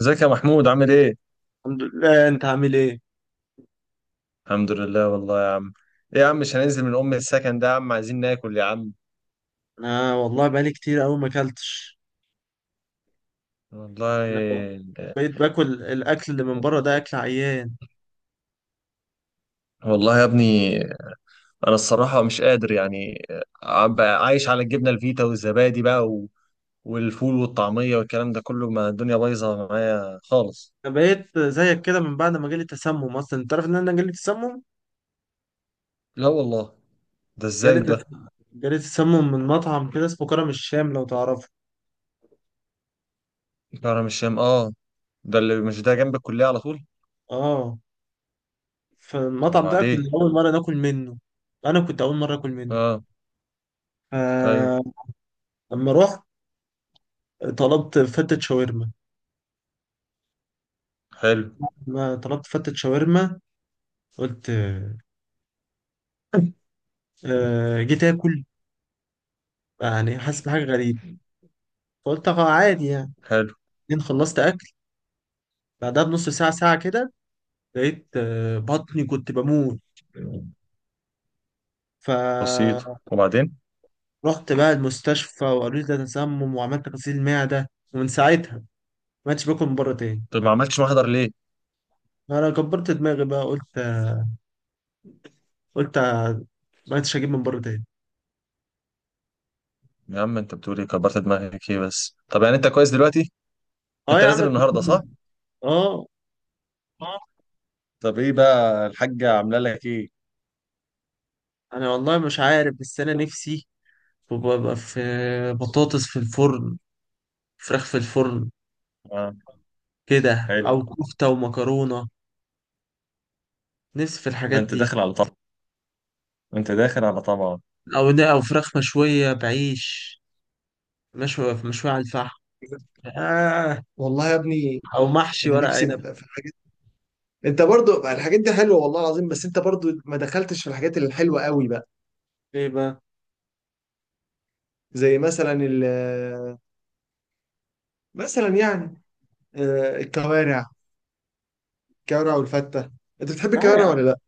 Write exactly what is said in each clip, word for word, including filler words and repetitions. ازيك يا محمود، عامل ايه؟ الحمد لله. انت عامل ايه؟ الحمد لله، والله يا عم. ايه يا عم، مش هننزل من ام السكن ده يا عم، عايزين ناكل يا عم. انا والله بقالي كتير قوي ما اكلتش. والله. انا بقيت باكل الاكل اللي من بره ده اكل عيان. والله يا ابني. انا الصراحة مش قادر يعني. عم بقى عايش على الجبنة الفيتا والزبادي بقى و... والفول والطعمية والكلام ده كله، ما الدنيا بايظة معايا خالص. انا بقيت زيك كده من بعد ما جالي تسمم. اصلا انت عارف ان انا جالي تسمم؟ لا والله. ده جالي ازاي ده؟ تسمم جالي تسمم من مطعم كده اسمه كرم الشام، لو تعرفه. كرم الشام، اه. ده اللي مش ده جنب الكلية على طول؟ اه. طب فالمطعم ده كنا وبعدين؟ اول مره ناكل منه. انا كنت اول مره اكل منه. اه. ايوه. فلما رحت طلبت فتة شاورما. حلو. لما طلبت فتة شاورما قلت آه، جيت اكل يعني حاسس بحاجه غريبه، فقلت اه عادي يعني. حلو. بعدين خلصت اكل، بعدها بنص ساعه ساعه كده لقيت آه، بطني كنت بموت. بسيط، فرحت وبعدين؟ بقى المستشفى وقالوا لي ده تسمم، وعملت غسيل معده، ومن ساعتها ما عدتش باكل من بره تاني. طب ما عملتش محضر ليه؟ انا كبرت دماغي بقى، قلت قلت ما عدتش اجيب من بره تاني. يا عم انت بتقول ايه؟ كبرت دماغك ايه بس، طب يعني انت كويس دلوقتي، اه انت يا عم نازل الكلام النهارده صح؟ ده- اه. آه. طب ايه بقى الحاجة عاملة لك ايه؟ انا والله مش عارف، بس انا نفسي ببقى في بطاطس في الفرن، فراخ في الفرن آه. كده، حلو. او كفته ومكرونه. نفسي في ده الحاجات انت دي. داخل على طمع، انت داخل على طمع. او او فراخ مشويه بعيش، مشوي مشويه على الفحم. آه. والله يا ابني. او محشي انا ورق نفسي عنب. بقى في الحاجات. انت برضو الحاجات دي حلوه والله العظيم، بس انت برضو ما دخلتش في الحاجات الحلوه قوي بقى. ايه بقى؟ زي مثلا ال مثلا يعني، آه، الكوارع، الكوارع والفته. انت بتحب لا يا الكوارع عم. ولا لا؟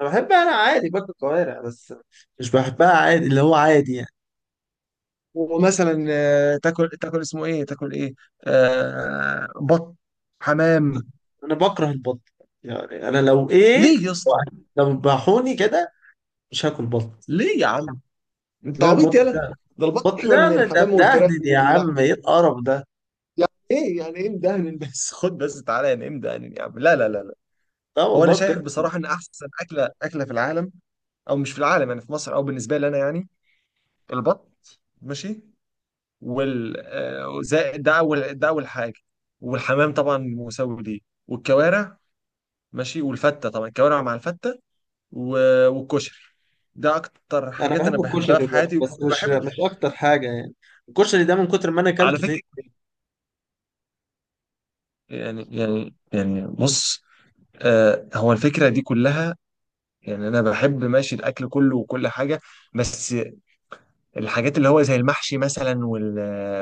انا بحبها، انا عادي باكل كوارع، بس مش بحبها عادي، اللي هو عادي يعني. ومثلا آه، تاكل تاكل اسمه ايه، تاكل ايه، آه بط، حمام. انا بكره البط، يعني انا لو ايه، ليه يا اسطى؟ لو ذبحوني كده مش هاكل بط. ليه يا عم؟ انت لا عبيط البط يالا. ده، ده البط البط احلى ده من من ده الحمام والفراخ مدهن يا واللحم. عم، ايه القرف ده؟ يعني ايه، يعني ايه مدهن بس خد بس تعالى، يعني ايه مدهن يا عم؟ لا لا لا لا. لا هو انا والله بجد. شايف بصراحه ان احسن اكله اكله في العالم، او مش في العالم يعني، في مصر، او بالنسبه لي انا يعني. البط ماشي، وال آه، زائد، ده اول ده اول حاجه. والحمام طبعا مساوي ليه، والكوارع ماشي والفته، طبعا الكوارع مع الفته. و- والكشري، ده اكتر انا حاجات انا بحب بحبها الكشري في برضه، حياتي بس مش وبحب. مش اكتر حاجه يعني. الكشري ده من كتر ما انا على اكلته. فكره، يعني، يعني يعني بص، آه، هو الفكره دي كلها. يعني انا بحب ماشي الاكل كله وكل حاجه، بس الحاجات اللي هو زي المحشي مثلا وال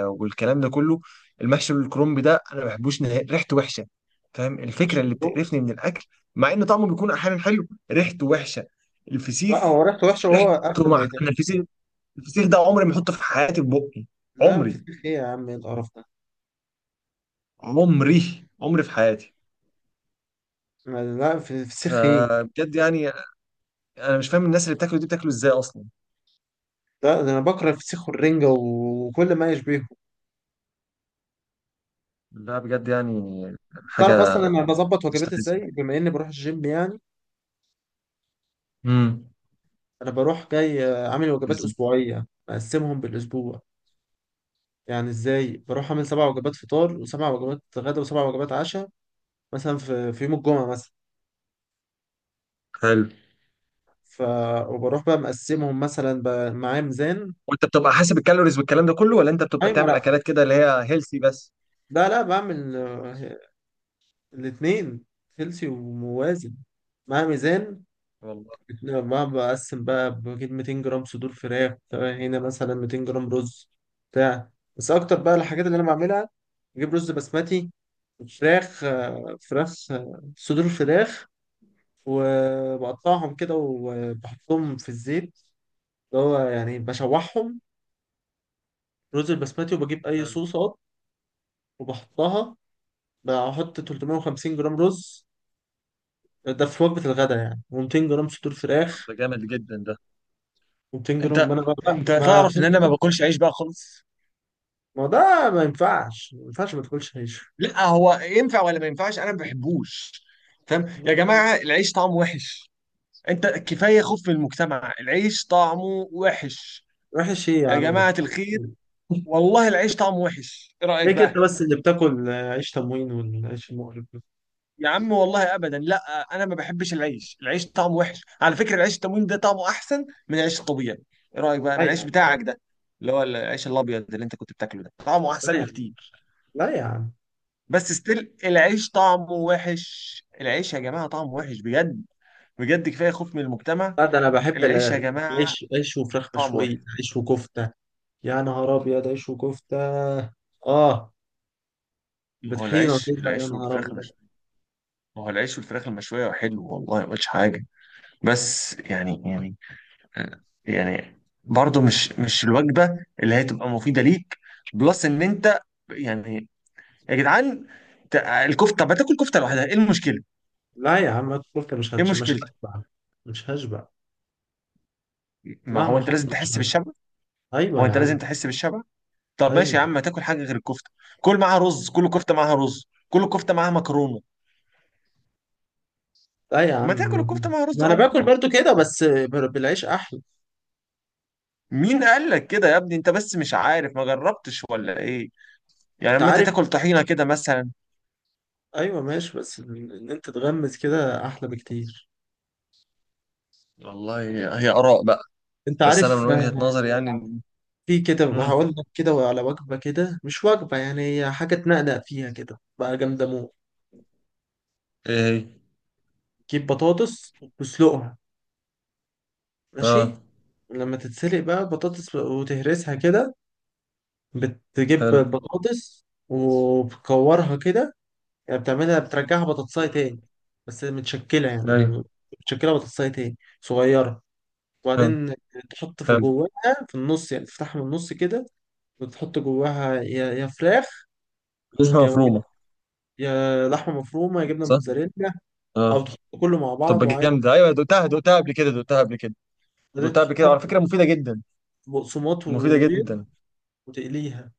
والكلام ده كله، المحشي والكرنب ده انا ما بحبوش نهائي، ريحته وحشه. فاهم الفكره زي... اللي بتقرفني من الاكل؟ مع ان طعمه بيكون احيانا حلو، ريحته وحشه. الفسيخ، لا هو ريحته وحشة وهو قبل ريحته، ما مع يتعب. انا الفسيخ، الفسيخ ده عمري ما احطه في حياتي في بقي. لا عمري، فسيخ ايه يا عم؟ ايه القرف ده؟ عمري عمري في حياتي. لا في- فسيخ ايه؟ فبجد يعني، انا مش فاهم الناس اللي بتاكله دي بتاكله ازاي اصلا. لا، ده انا بكره الفسيخ والرنجة و- وكل ما يشبهه. لا بجد يعني، تعرف اصلا حاجه انا بظبط وجبات ازاي مستفزه، بما اني بروح الجيم يعني؟ امم انا بروح جاي آه، عامل وجبات مستفزة. اسبوعية مقسمهم بالاسبوع، يعني ازاي. بروح اعمل سبع وجبات فطار وسبع وجبات غدا وسبع وجبات عشاء. مثلا في في يوم الجمعة مثلا، حلو. ف وبروح بقى مقسمهم مثلا ب- معايا ميزان. وانت بتبقى حاسب الكالوريز والكلام ده كله، ولا انت بتبقى ايوه تعمل لا، اكلات كده اللي هي هيلثي بس؟ لا لا بعمل الاثنين، هيلثي وموازن، مع ميزان. والله. بتنا- مع بقسم بقى، بجيب مئتين جرام صدور فراخ، تمام، هنا مثلا مئتين جرام رز بتاع. بس اكتر بقى الحاجات اللي انا بعملها، بجيب رز بسمتي، فراخ آه، فراخ آه، صدور فراخ، وبقطعهم كده وبحطهم في الزيت، اللي هو يعني بشوحهم، رز البسمتي، وبجيب اي حلو. صوصات وبحطها. بحط ثلاثمية وخمسين جرام رز ده في وجبة الغداء يعني، و200 جرام صدور طب فراخ. ده جامد جدا ده. مئتين جرام. ما انت انا بقى بقى- انت ما. تعرف ان انا ما باكلش عيش بقى خالص. ما ده ما ينفعش ما ينفعش ما تاكلش عيش. لا هو ينفع ولا ما ينفعش، انا ما بحبوش. فاهم يا جماعه؟ العيش طعمه وحش، انت كفايه خوف في المجتمع، العيش طعمه وحش. وحش ايه يا يا عم؟ جماعة الخير، والله العيش طعمه وحش، ايه رأيك ليه كده بقى؟ بس؟ اللي بتاكل آه، عيش تموين والعيش المقرف ده؟ يا عم والله ابدا لا. انا ما بحبش العيش، العيش طعمه وحش، على فكرة العيش التموين ده طعمه احسن من العيش الطبيعي. ايه رأيك بقى لا من يا العيش عم. بتاعك ده؟ اللي هو العيش الابيض اللي انت كنت بتاكله ده طعمه لا احسن يا عم. بكتير. لا يا عم. بس ستيل العيش طعمه وحش، العيش يا جماعة طعمه وحش بجد. بجد كفاية خوف من المجتمع. لا ده انا بحب العيش يا ال-. جماعة العيش عيش وفراخ طعمه مشوية، وحش. عيش وكفتة. يا نهار ابيض، عيش وكفتة. اه. ما هو بطحينة العيش، كده. يا العيش نهار والفراخ ابيض. المشوية، ما هو العيش والفراخ المشوية حلو والله، ما قلتش حاجة. بس يعني، يعني يعني برضو مش مش الوجبة اللي هي تبقى مفيدة ليك، بلس ان انت يعني، يا جدعان، ت- الكفتة، طب ما تاكل كفتة لوحدها، ايه المشكلة؟ لا يا عم، الكفتة مش ايه هتش... مش مشكلة؟ هشبع. مش هشبع. ما هو مهما انت حط لازم مش تحس هشبع. بالشبع، ايوه هو يا انت عم. لازم تحس بالشبع. طب ماشي ايوه. يا عم، ما تاكل حاجة غير الكفتة، كل معاها رز، كل كفتة معاها رز، كل كفتة معاها مكرونة. لا يا ما عم، تاكل الكفتة معاها رز ما انا او باكل مكرونة. برضو كده بس بر- بالعيش احلى. مين قال لك كده يا ابني؟ انت بس مش عارف، ما جربتش ولا ايه؟ يعني انت لما انت عارف. تاكل طحينة كده مثلا. ايوه ماشي، بس ال- ان انت تغمس كده احلى بكتير. والله، هي آراء بقى، انت بس أنا من عارف آه، وجهة نظري يعني. في كده هقول امم. لك كده على وجبه كده، مش وجبه يعني، هي حاجه تنقنق فيها كده بقى جامده موت. ايه هي؟ تجيب بطاطس وتسلقها. ماشي. اه. لما تتسلق بقى بطاطس وتهرسها كده، بتجيب حلو. البطاطس وبتكورها كده، يعني بتعملها، بترجعها بطاطساية مم. تاني، بس متشكلة يعني، ايوه. متشكلة بطاطساية تاني صغيرة، حلو. وبعدين تحط في حلو. جواها، في النص يعني، تفتحها من النص كده وتحط جواها يا يا فراخ، لسه يا مفرومه. يا لحمة مفرومة، يا جبنة صح. موتزاريلا، أو اه. تحط كله مع طب بعض وعادي. جامده، ايوه، دقتها دقتها قبل كده، دقتها قبل كده، بعدين دقتها قبل كده تحطها على في فكره، مفيده جدا، بقسماط مفيده وبيض جدا. وتقليها،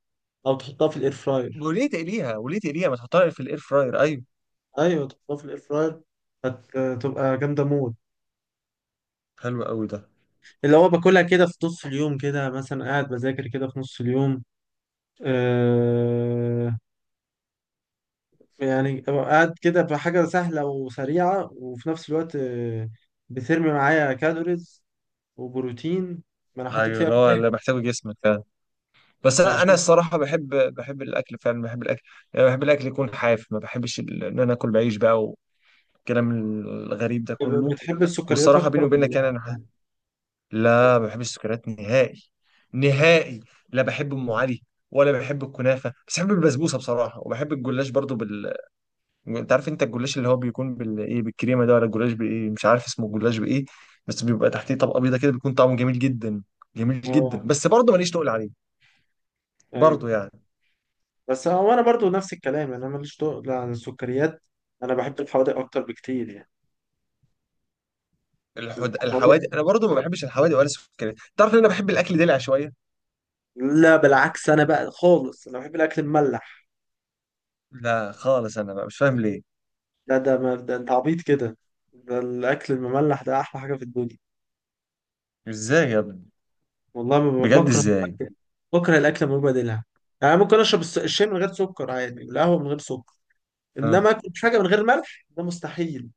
أو تحطها في الإير فراير. وليه تقليها؟ وليه تقليها؟ ما تحطها في الاير فراير، ايوه. أيوة، تحطها في الإير فراير، هتبقى جامدة موت. حلو قوي ده. اللي هو باكلها كده في نص اليوم كده، مثلا قاعد بذاكر كده في نص اليوم آه، يعني أبقى قاعد كده بحاجة سهلة وسريعة، وفي نفس الوقت آه، بترمي معايا كالوريز وبروتين، ما أنا حاطط ايوه، فيها اللي هو فراخ. اللي محتاجه جسمك فعلا. بس انا، انا عشان الصراحه بحب، بحب الاكل فعلا، بحب الاكل. يعني بحب الاكل يكون حاف، ما بحبش ال- ان انا اكل بعيش بقى والكلام الغريب ده كله. بتحب السكريات والصراحه بيني أكتر وبينك يعني ولا؟ انا، لا ما بحبش السكريات نهائي. نهائي. لا، بحب ام علي، ولا بحب الكنافه، بس بحب البسبوسه بصراحه، وبحب الجلاش برضو بال، انت عارف انت الجلاش اللي هو بيكون بال ايه، بالكريمه ده، ولا الجلاش بايه، مش عارف اسمه الجلاش بايه. بس بيبقى تحتيه طبقه بيضه كده، بيكون طعمه جميل جدا، جميل جدا. آه. بس برضه ماليش تقول عليه، أيوه. برضه يعني. بس هو أنا برضو نفس الكلام يعني، أنا ماليش تقل عن السكريات، أنا بحب الحوادق أكتر بكتير يعني. الحد... الحوادق-. الحوادق، انا برضه ما بحبش الحوادق ولا السكريات. تعرف ان انا بحب الاكل دلع شويه؟ لا بالعكس، أنا بقى خالص أنا بحب الأكل المملح. لا خالص، انا بقى مش فاهم ليه. لا ده ما ده، أنت عبيط كده، ده الأكل المملح ده أحلى حاجة في الدنيا. ازاي يا ابني؟ والله ما- بجد بكره ازاي؟ الأكل. بكره الاكل من غير بديلها، يعني ممكن اشرب الس- الشاي من غير سكر عادي، والقهوه من غير سكر، آه. انما اكل حاجه من غير ملح ده مستحيل.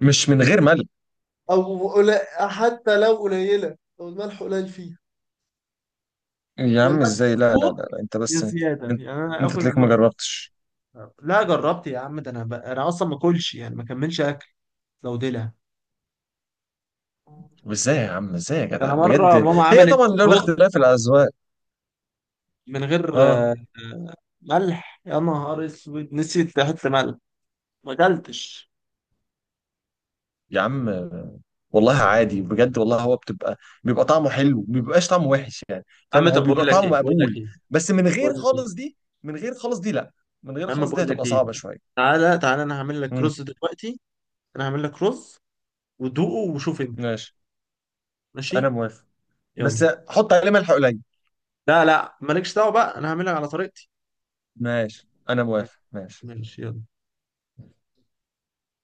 مش من غير ملح. او قليل، حتى لو قليله، لو الملح قليل فيها. يا يا عم الملح ازاي، لا لا لا، مظبوط، لا. انت يا بس انت, زياده، يعني انا انت، اكل تلاقيك ما مثلا. جربتش. لا جربت يا عم، ده انا ب... انا اصلا ما اكلش يعني، ما كملش اكل لو دلع. طب ازاي يا عم، ازاي يا ده انا جدع مره بجد؟ ماما هي عملت طبعا لولا رز اختلاف الاذواق. من غير آه، اه ملح، يا نهار اسود نسيت احط ملح، ما اكلتش. يا عم. والله عادي بجد والله، هو بتبقى، بيبقى طعمه حلو، ما بيبقاش طعمه وحش يعني. يا عم فاهم؟ هو طب بقول بيبقى لك طعمه ايه، بقول لك مقبول، ايه. بس من طب غير بقول لك خالص ايه. دي، من غير خالص دي لا، من غير يا عم خالص دي بقول لك هتبقى ايه. صعبة شوية. تعالى تعالى انا هعمل لك امم. رز دلوقتي. انا هعمل لك رز ودوقه وشوف انت. ماشي انا ماشي. موافق، بس يلا. حط عليه ملح قليل. لا لا، مالكش دعوه بقى، انا هعملها على طريقتي. ماشي انا موافق، ماشي. ماشي يلا.